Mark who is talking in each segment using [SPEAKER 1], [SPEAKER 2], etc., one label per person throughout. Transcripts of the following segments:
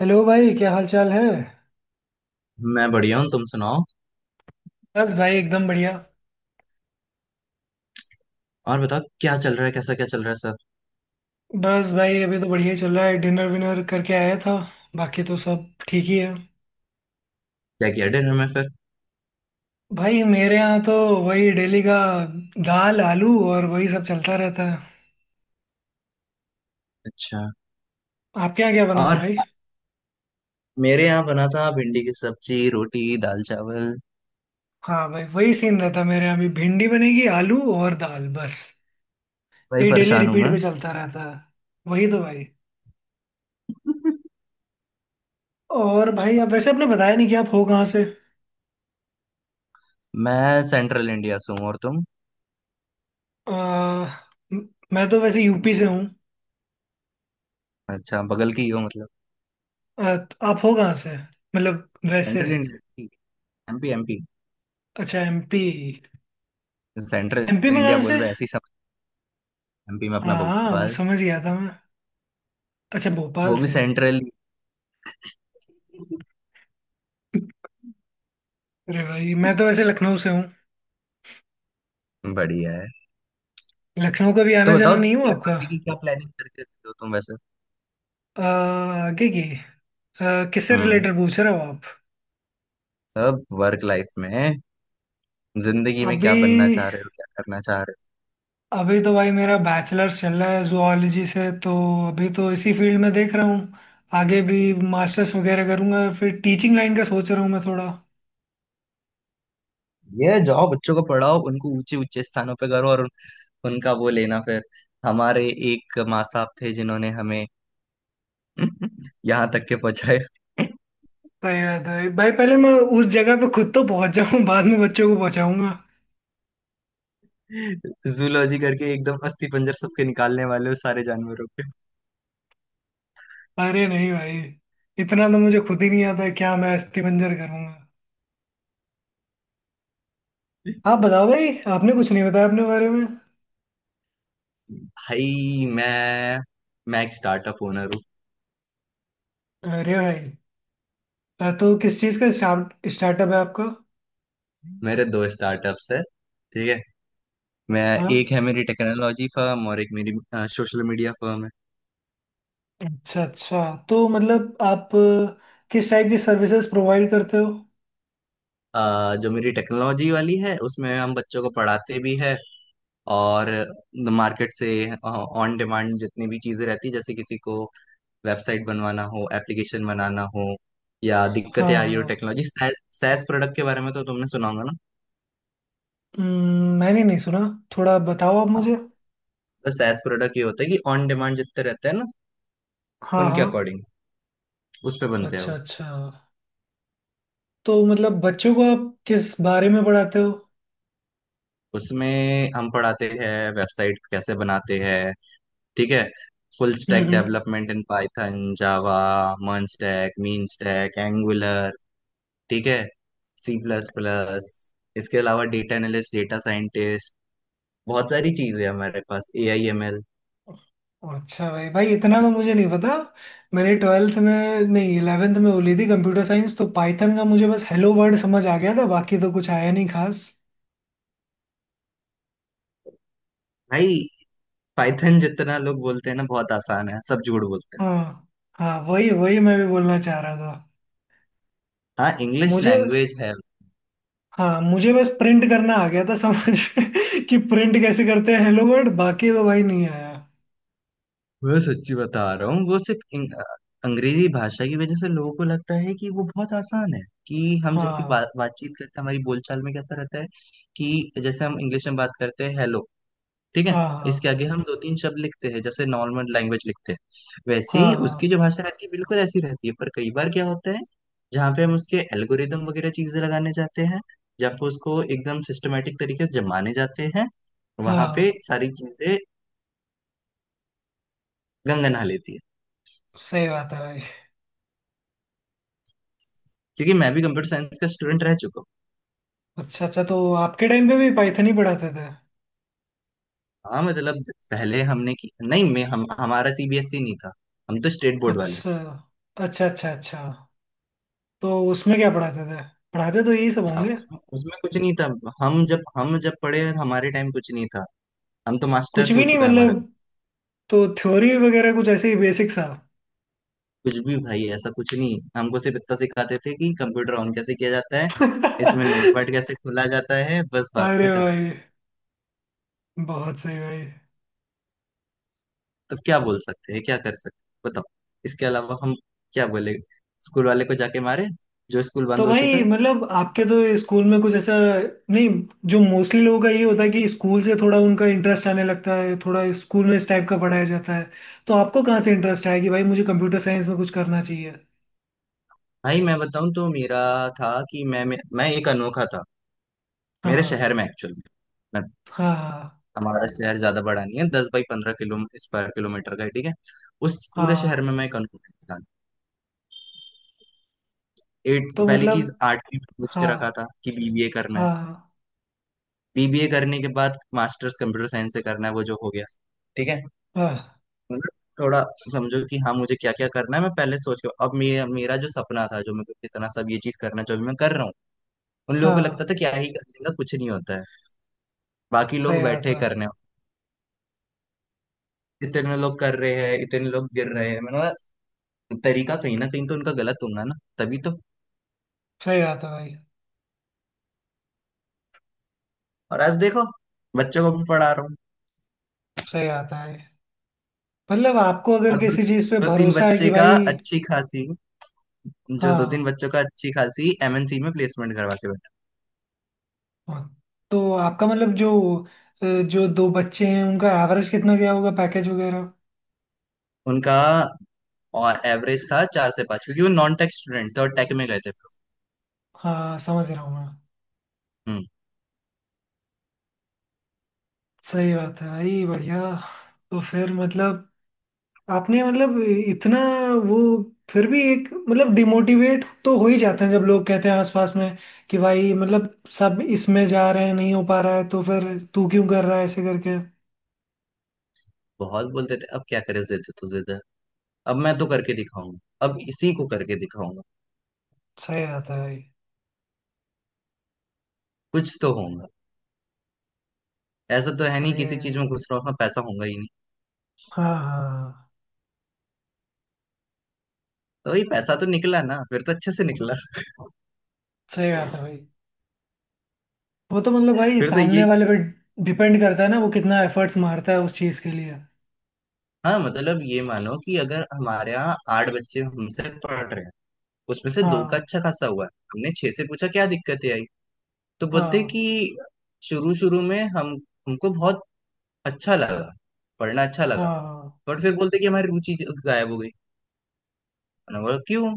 [SPEAKER 1] Hello भाई, क्या हाल चाल है।
[SPEAKER 2] मैं बढ़िया हूँ तुम सुनाओ।
[SPEAKER 1] बस भाई एकदम बढ़िया।
[SPEAKER 2] और बताओ क्या चल रहा है कैसा क्या चल रहा है सब।
[SPEAKER 1] बस भाई अभी तो बढ़िया चल रहा है, डिनर विनर करके आया था। बाकी तो सब ठीक ही है।
[SPEAKER 2] क्या किया डिनर में फिर।
[SPEAKER 1] भाई मेरे यहाँ तो वही डेली का दाल आलू और वही सब चलता रहता है।
[SPEAKER 2] अच्छा।
[SPEAKER 1] आपके यहाँ क्या बना था
[SPEAKER 2] और।
[SPEAKER 1] भाई?
[SPEAKER 2] मेरे यहाँ बना था भिंडी की सब्जी रोटी दाल चावल।
[SPEAKER 1] हाँ भाई, वही सीन रहता है, मेरे यहाँ भी भिंडी बनेगी, आलू और दाल बस।
[SPEAKER 2] भाई
[SPEAKER 1] ये डेली
[SPEAKER 2] परेशान हूँ
[SPEAKER 1] रिपीट
[SPEAKER 2] मैं।
[SPEAKER 1] पे चलता रहता है। वही तो भाई। और भाई आप वैसे आपने बताया नहीं कि आप हो कहाँ से।
[SPEAKER 2] मैं सेंट्रल इंडिया से हूँ और तुम।
[SPEAKER 1] आ, म- मैं तो वैसे यूपी से हूँ।
[SPEAKER 2] अच्छा बगल की ही हो मतलब।
[SPEAKER 1] तो आप हो कहाँ से, मतलब वैसे।
[SPEAKER 2] Central India. MP MP.
[SPEAKER 1] अच्छा एमपी,
[SPEAKER 2] सेंट्रल।
[SPEAKER 1] एमपी में कहाँ
[SPEAKER 2] इंडिया बोल
[SPEAKER 1] से?
[SPEAKER 2] रहा है ऐसी समझ। एमपी में अपना
[SPEAKER 1] हाँ हाँ, वो
[SPEAKER 2] भोपाल।
[SPEAKER 1] समझ गया था मैं। अच्छा भोपाल
[SPEAKER 2] वो भी
[SPEAKER 1] से।
[SPEAKER 2] सेंट्रल।
[SPEAKER 1] अरे भाई मैं तो वैसे लखनऊ से हूँ।
[SPEAKER 2] बढ़िया है।
[SPEAKER 1] लखनऊ का भी
[SPEAKER 2] तो
[SPEAKER 1] आना
[SPEAKER 2] बताओ
[SPEAKER 1] जाना नहीं हुआ
[SPEAKER 2] क्या
[SPEAKER 1] आपका?
[SPEAKER 2] आगे की क्या प्लानिंग करके रखे हो तुम वैसे।
[SPEAKER 1] अ, आगे की? किससे
[SPEAKER 2] हम्म।
[SPEAKER 1] रिलेटेड पूछ रहे हो आप?
[SPEAKER 2] सब वर्क लाइफ में जिंदगी में क्या
[SPEAKER 1] अभी,
[SPEAKER 2] बनना चाह रहे हो क्या करना चाह रहे हो।
[SPEAKER 1] अभी तो भाई मेरा बैचलर्स चल रहा है जुआलॉजी से, तो अभी तो इसी फील्ड में देख रहा हूँ। आगे भी मास्टर्स वगैरह करूँगा, फिर टीचिंग लाइन का सोच रहा हूँ मैं थोड़ा।
[SPEAKER 2] ये जाओ बच्चों को पढ़ाओ उनको ऊंचे ऊंचे स्थानों पे करो और उनका वो लेना फिर। हमारे एक माँ साहब थे जिन्होंने हमें यहाँ तक के पहुंचाया।
[SPEAKER 1] सही बात है भाई, पहले मैं उस जगह पे खुद तो पहुंच जाऊं, बाद में बच्चों को पहुंचाऊंगा।
[SPEAKER 2] जूलॉजी करके एकदम अस्थि पंजर सबके निकालने वाले हो सारे जानवरों के।
[SPEAKER 1] अरे नहीं भाई, इतना तो मुझे खुद ही नहीं आता है, क्या मैं अस्थि पंजर करूंगा। आप बताओ भाई, आपने कुछ नहीं बताया अपने बारे में।
[SPEAKER 2] भाई मैं एक स्टार्टअप ओनर हूँ।
[SPEAKER 1] अरे भाई, तो किस चीज़ का स्टार्टअप है आपका?
[SPEAKER 2] मेरे दो स्टार्टअप्स है। ठीक है। मैं
[SPEAKER 1] हाँ।
[SPEAKER 2] एक है मेरी टेक्नोलॉजी फर्म और एक मेरी सोशल मीडिया फर्म है।
[SPEAKER 1] अच्छा अच्छा, तो मतलब आप किस टाइप की सर्विसेज प्रोवाइड करते हो?
[SPEAKER 2] जो मेरी टेक्नोलॉजी वाली है उसमें हम बच्चों को पढ़ाते भी है। और मार्केट से ऑन डिमांड जितनी भी चीजें रहती है जैसे किसी को वेबसाइट बनवाना हो एप्लीकेशन बनाना हो या
[SPEAKER 1] हाँ
[SPEAKER 2] दिक्कतें आ रही हो।
[SPEAKER 1] हाँ।
[SPEAKER 2] टेक्नोलॉजी सैस प्रोडक्ट के बारे में तो तुमने सुना होगा ना।
[SPEAKER 1] मैंने नहीं सुना, थोड़ा बताओ आप
[SPEAKER 2] हाँ।
[SPEAKER 1] मुझे।
[SPEAKER 2] तो सैस प्रोडक्ट ये होता है कि ऑन डिमांड जितने रहते हैं ना
[SPEAKER 1] हाँ
[SPEAKER 2] उनके
[SPEAKER 1] हाँ।
[SPEAKER 2] अकॉर्डिंग उस पे बनते हैं
[SPEAKER 1] अच्छा
[SPEAKER 2] वो।
[SPEAKER 1] अच्छा, तो मतलब बच्चों को आप किस बारे में पढ़ाते हो?
[SPEAKER 2] उसमें हम पढ़ाते हैं वेबसाइट कैसे बनाते हैं। ठीक है। Full
[SPEAKER 1] hmm
[SPEAKER 2] stack
[SPEAKER 1] hmm.
[SPEAKER 2] Development in Python Java MERN stack MEAN stack Angular. ठीक है। C plus plus. इसके अलावा डेटा एनालिस्ट डेटा साइंटिस्ट बहुत सारी चीजें हैं हमारे पास AIML।
[SPEAKER 1] अच्छा भाई, भाई इतना तो मुझे नहीं पता। मैंने ट्वेल्थ में नहीं, इलेवेंथ में वो ली थी कंप्यूटर साइंस, तो पाइथन का मुझे बस हेलो वर्ड समझ आ गया था, बाकी तो कुछ आया नहीं खास।
[SPEAKER 2] भाई पाइथन जितना लोग बोलते हैं ना बहुत आसान है सब झूठ बोलते हैं।
[SPEAKER 1] हाँ, हाँ वही वही मैं भी बोलना चाह रहा था।
[SPEAKER 2] हाँ इंग्लिश
[SPEAKER 1] मुझे,
[SPEAKER 2] लैंग्वेज है।
[SPEAKER 1] हाँ मुझे बस प्रिंट करना आ गया था समझ में कि प्रिंट कैसे करते हैं हेलो वर्ड, बाकी तो भाई नहीं आया।
[SPEAKER 2] मैं सच्ची बता रहा हूँ वो सिर्फ अंग्रेजी भाषा की वजह से लोगों को लगता है कि वो बहुत आसान है। कि हम जैसी
[SPEAKER 1] हाँ
[SPEAKER 2] बातचीत करते हैं हमारी बोलचाल में कैसा रहता है। कि जैसे हम इंग्लिश में बात करते हैं हेलो। ठीक है।
[SPEAKER 1] हाँ। हाँ
[SPEAKER 2] इसके आगे हम दो तीन शब्द लिखते हैं जैसे नॉर्मल लैंग्वेज लिखते हैं। वैसे
[SPEAKER 1] हाँ।
[SPEAKER 2] ही उसकी
[SPEAKER 1] हाँ
[SPEAKER 2] जो भाषा रहती है बिल्कुल ऐसी रहती है पर कई बार क्या होता है। जहाँ पे हम उसके एल्गोरिदम वगैरह चीजें लगाने जाते हैं। जहाँ पे उसको एकदम सिस्टमेटिक तरीके से जमाने जाते हैं। वहां पे
[SPEAKER 1] हाँ।
[SPEAKER 2] सारी चीजें गंगा नहा लेती है।
[SPEAKER 1] सही बात है भाई।
[SPEAKER 2] क्योंकि मैं भी कंप्यूटर साइंस का स्टूडेंट रह चुका हूँ।
[SPEAKER 1] अच्छा अच्छा, तो आपके टाइम पे भी पाइथन ही पढ़ाते थे?
[SPEAKER 2] हाँ मतलब पहले हमने की नहीं मैं हम हमारा सीबीएसई नहीं था। हम तो स्टेट बोर्ड वाले।
[SPEAKER 1] अच्छा। अच्छा अच्छा अच्छा। तो उसमें क्या पढ़ाते थे? पढ़ाते तो यही सब होंगे।
[SPEAKER 2] उसमें उसमें कुछ नहीं था। हम जब पढ़े हमारे टाइम कुछ नहीं था। हम तो
[SPEAKER 1] कुछ
[SPEAKER 2] मास्टर्स
[SPEAKER 1] भी
[SPEAKER 2] हो
[SPEAKER 1] नहीं
[SPEAKER 2] चुका है हमारा
[SPEAKER 1] मतलब?
[SPEAKER 2] भी।
[SPEAKER 1] तो थ्योरी वगैरह कुछ ऐसे ही बेसिक सा?
[SPEAKER 2] कुछ भी भाई ऐसा कुछ नहीं हमको सिर्फ इतना सिखाते थे कि कंप्यूटर ऑन कैसे किया जाता है। इसमें
[SPEAKER 1] अरे
[SPEAKER 2] नोटपैड कैसे खोला जाता है बस बात खत्म।
[SPEAKER 1] भाई, बहुत सही भाई।
[SPEAKER 2] तो क्या बोल सकते हैं क्या कर सकते हैं बताओ। इसके अलावा हम क्या बोले स्कूल वाले को जाके मारे जो स्कूल
[SPEAKER 1] तो
[SPEAKER 2] बंद हो चुका
[SPEAKER 1] भाई
[SPEAKER 2] है।
[SPEAKER 1] मतलब आपके तो स्कूल में कुछ ऐसा नहीं? जो मोस्टली लोगों का ये होता है कि स्कूल से थोड़ा उनका इंटरेस्ट आने लगता है, थोड़ा स्कूल में इस टाइप का पढ़ाया जाता है, तो आपको कहाँ से इंटरेस्ट आया कि भाई मुझे कंप्यूटर साइंस में कुछ करना चाहिए?
[SPEAKER 2] भाई मैं बताऊं तो मेरा था कि मैं एक अनोखा था। मेरे
[SPEAKER 1] हाँ।
[SPEAKER 2] शहर में एक्चुअली मैं।
[SPEAKER 1] हाँ
[SPEAKER 2] हमारा शहर ज्यादा बड़ा नहीं है 10 बाई 15 किलो स्क्वायर किलोमीटर का है ठीक है। उस
[SPEAKER 1] हाँ
[SPEAKER 2] पूरे शहर
[SPEAKER 1] हाँ।
[SPEAKER 2] में मैं एक अनोखा इंसान। एट
[SPEAKER 1] तो
[SPEAKER 2] पहली
[SPEAKER 1] मतलब,
[SPEAKER 2] चीज आठवीं में सोच के रखा
[SPEAKER 1] हाँ
[SPEAKER 2] था कि बीबीए करना है।
[SPEAKER 1] हाँ हाँ।
[SPEAKER 2] बीबीए करने के बाद मास्टर्स कंप्यूटर साइंस से करना है वो जो हो गया। ठीक है।
[SPEAKER 1] हाँ
[SPEAKER 2] मतलब थोड़ा समझो कि हाँ मुझे क्या क्या करना है मैं पहले सोच के अब मेरा जो सपना था जो मेरे को इतना सब ये चीज करना जो अभी मैं कर रहा हूँ। उन लोगों को लगता
[SPEAKER 1] हाँ
[SPEAKER 2] था क्या ही कर लेगा कुछ नहीं होता है। बाकी
[SPEAKER 1] सही
[SPEAKER 2] लोग बैठे
[SPEAKER 1] आता।
[SPEAKER 2] करने इतने लोग कर रहे हैं इतने लोग गिर रहे हैं मैंने कहा, तरीका कहीं ना कहीं तो उनका गलत होगा ना तभी तो।
[SPEAKER 1] सही आता भाई।
[SPEAKER 2] और आज देखो बच्चों को भी पढ़ा रहा हूँ।
[SPEAKER 1] सही आता है, मतलब आपको अगर
[SPEAKER 2] और दो,
[SPEAKER 1] किसी चीज पे
[SPEAKER 2] दो तीन
[SPEAKER 1] भरोसा है कि
[SPEAKER 2] बच्चे का
[SPEAKER 1] भाई।
[SPEAKER 2] अच्छी खासी। जो दो तीन
[SPEAKER 1] हाँ,
[SPEAKER 2] बच्चों का अच्छी खासी एमएनसी में प्लेसमेंट करवा के बैठा।
[SPEAKER 1] हाँ, तो आपका मतलब जो जो दो बच्चे हैं उनका एवरेज कितना गया होगा, पैकेज वगैरह?
[SPEAKER 2] उनका और एवरेज था चार से पाँच क्योंकि वो नॉन टेक स्टूडेंट थे और टेक में गए थे।
[SPEAKER 1] हाँ समझ रहा हूँ मैं।
[SPEAKER 2] हम्म।
[SPEAKER 1] सही बात है भाई, बढ़िया। तो फिर मतलब, आपने मतलब, इतना वो, फिर भी एक मतलब डिमोटिवेट तो हो ही जाते हैं जब लोग कहते हैं आसपास में, कि भाई मतलब सब इसमें जा रहे हैं, नहीं हो पा रहा है, तो फिर तू क्यों कर रहा है ऐसे करके।
[SPEAKER 2] बहुत बोलते थे अब क्या करे जिद तो जिद है। अब मैं तो करके दिखाऊंगा। अब इसी को करके दिखाऊंगा।
[SPEAKER 1] सही बात है भाई।
[SPEAKER 2] कुछ तो होगा। ऐसा तो है नहीं
[SPEAKER 1] सही है
[SPEAKER 2] किसी चीज में
[SPEAKER 1] भाई।
[SPEAKER 2] घुस रहा हूँ पैसा होगा ही।
[SPEAKER 1] हाँ हाँ।
[SPEAKER 2] तो वही पैसा तो निकला ना फिर तो अच्छे से निकला।
[SPEAKER 1] सही बात है भाई, वो तो मतलब भाई
[SPEAKER 2] फिर तो
[SPEAKER 1] सामने
[SPEAKER 2] ये।
[SPEAKER 1] वाले पे डिपेंड करता है ना, वो कितना एफर्ट्स मारता है उस चीज के लिए।
[SPEAKER 2] हाँ मतलब ये मानो कि अगर हमारे यहाँ आठ बच्चे हमसे पढ़ रहे हैं। उसमें से दो का
[SPEAKER 1] हाँ।
[SPEAKER 2] अच्छा खासा हुआ है हमने छह से पूछा क्या दिक्कतें आई। तो बोलते
[SPEAKER 1] हाँ
[SPEAKER 2] कि शुरू शुरू में हम हमको बहुत अच्छा लगा पढ़ना अच्छा लगा।
[SPEAKER 1] हाँ।
[SPEAKER 2] बट फिर बोलते कि हमारी रुचि गायब हो गई। मैंने बोला क्यों।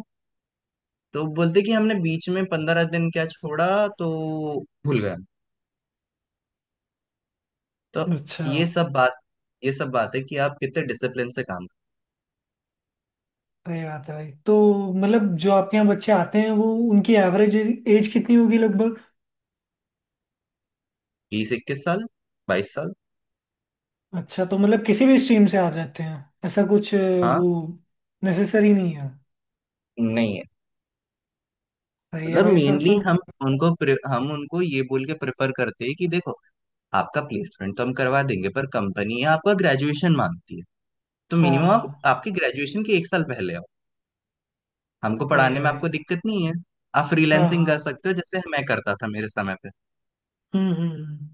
[SPEAKER 2] तो बोलते कि हमने बीच में 15 दिन क्या छोड़ा तो भूल गए। तो
[SPEAKER 1] अच्छा।
[SPEAKER 2] ये सब बात ये सब बात है कि आप कितने डिसिप्लिन से काम।
[SPEAKER 1] सही बात है भाई, तो मतलब जो आपके यहाँ बच्चे आते हैं, वो उनकी एवरेज एज कितनी होगी लगभग?
[SPEAKER 2] 20 21 साल 22 साल।
[SPEAKER 1] अच्छा तो मतलब किसी भी स्ट्रीम से आ जाते हैं, ऐसा कुछ
[SPEAKER 2] हाँ
[SPEAKER 1] वो नेसेसरी नहीं है?
[SPEAKER 2] नहीं है।
[SPEAKER 1] सही है
[SPEAKER 2] मतलब अच्छा
[SPEAKER 1] भाई फिर
[SPEAKER 2] मेनली
[SPEAKER 1] तो।
[SPEAKER 2] हम उनको हम उनको ये बोल के प्रेफर करते हैं कि देखो आपका प्लेसमेंट तो हम करवा देंगे पर कंपनी आपका ग्रेजुएशन मांगती है। तो
[SPEAKER 1] हाँ
[SPEAKER 2] मिनिमम आप
[SPEAKER 1] हाँ।
[SPEAKER 2] आपके ग्रेजुएशन के 1 साल पहले आओ। हमको
[SPEAKER 1] सही है
[SPEAKER 2] पढ़ाने में
[SPEAKER 1] भाई।
[SPEAKER 2] आपको दिक्कत नहीं है। आप
[SPEAKER 1] हाँ
[SPEAKER 2] फ्रीलैंसिंग कर
[SPEAKER 1] हाँ।
[SPEAKER 2] सकते हो जैसे मैं करता था मेरे समय पे।
[SPEAKER 1] हम्म हम्म हम्म।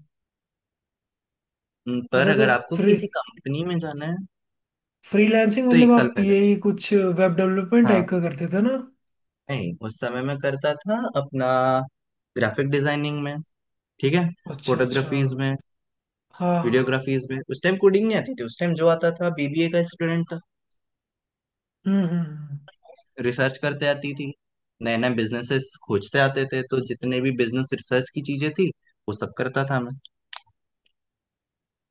[SPEAKER 2] पर
[SPEAKER 1] अच्छा, तो
[SPEAKER 2] अगर आपको
[SPEAKER 1] फ्री
[SPEAKER 2] किसी कंपनी में जाना है
[SPEAKER 1] फ्रीलांसिंग
[SPEAKER 2] तो
[SPEAKER 1] मतलब
[SPEAKER 2] 1 साल
[SPEAKER 1] आप
[SPEAKER 2] पहले।
[SPEAKER 1] यही कुछ वेब डेवलपमेंट
[SPEAKER 2] हाँ
[SPEAKER 1] टाइप का करते थे ना?
[SPEAKER 2] नहीं उस समय मैं करता था अपना ग्राफिक डिजाइनिंग में। ठीक है।
[SPEAKER 1] अच्छा अच्छा।
[SPEAKER 2] फोटोग्राफीज में
[SPEAKER 1] हाँ हाँ।
[SPEAKER 2] वीडियोग्राफीज में उस टाइम कोडिंग नहीं आती थी उस टाइम जो आता था बीबीए का स्टूडेंट था।
[SPEAKER 1] हम्म हम्म हम्म।
[SPEAKER 2] रिसर्च करते आती थी नए नए बिजनेसेस खोजते आते थे तो जितने भी बिजनेस रिसर्च की चीजें थी वो सब करता था मैं।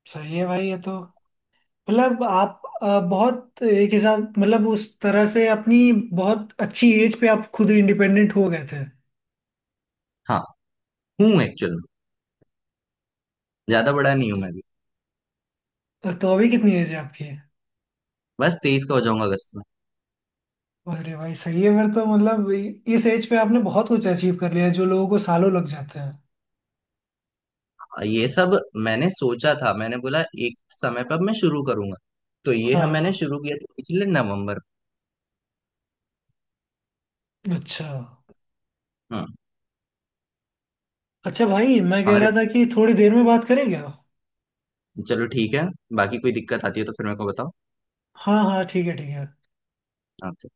[SPEAKER 1] सही है भाई ये तो, मतलब आप बहुत एक हिसाब, मतलब उस तरह से अपनी बहुत अच्छी एज पे आप खुद इंडिपेंडेंट हो गए थे।
[SPEAKER 2] हाँ हूँ एक्चुअल में ज्यादा बड़ा नहीं हूँ मैं भी।
[SPEAKER 1] तो अभी कितनी एज है आपकी?
[SPEAKER 2] बस 23 का हो जाऊंगा अगस्त में।
[SPEAKER 1] अरे भाई सही है फिर तो, मतलब इस एज पे आपने बहुत कुछ अचीव कर लिया है जो लोगों को सालों लग जाते हैं।
[SPEAKER 2] ये सब मैंने सोचा था मैंने बोला एक समय पर मैं शुरू करूंगा। तो ये हम मैंने
[SPEAKER 1] हाँ।
[SPEAKER 2] शुरू किया था पिछले नवंबर
[SPEAKER 1] अच्छा।
[SPEAKER 2] में। हम्म।
[SPEAKER 1] अच्छा भाई मैं कह
[SPEAKER 2] अरे
[SPEAKER 1] रहा था कि थोड़ी देर में बात करें क्या?
[SPEAKER 2] चलो ठीक है। बाकी कोई दिक्कत आती है तो फिर मेरे को बताओ।
[SPEAKER 1] हाँ हाँ ठीक है ठीक है।
[SPEAKER 2] हाँ।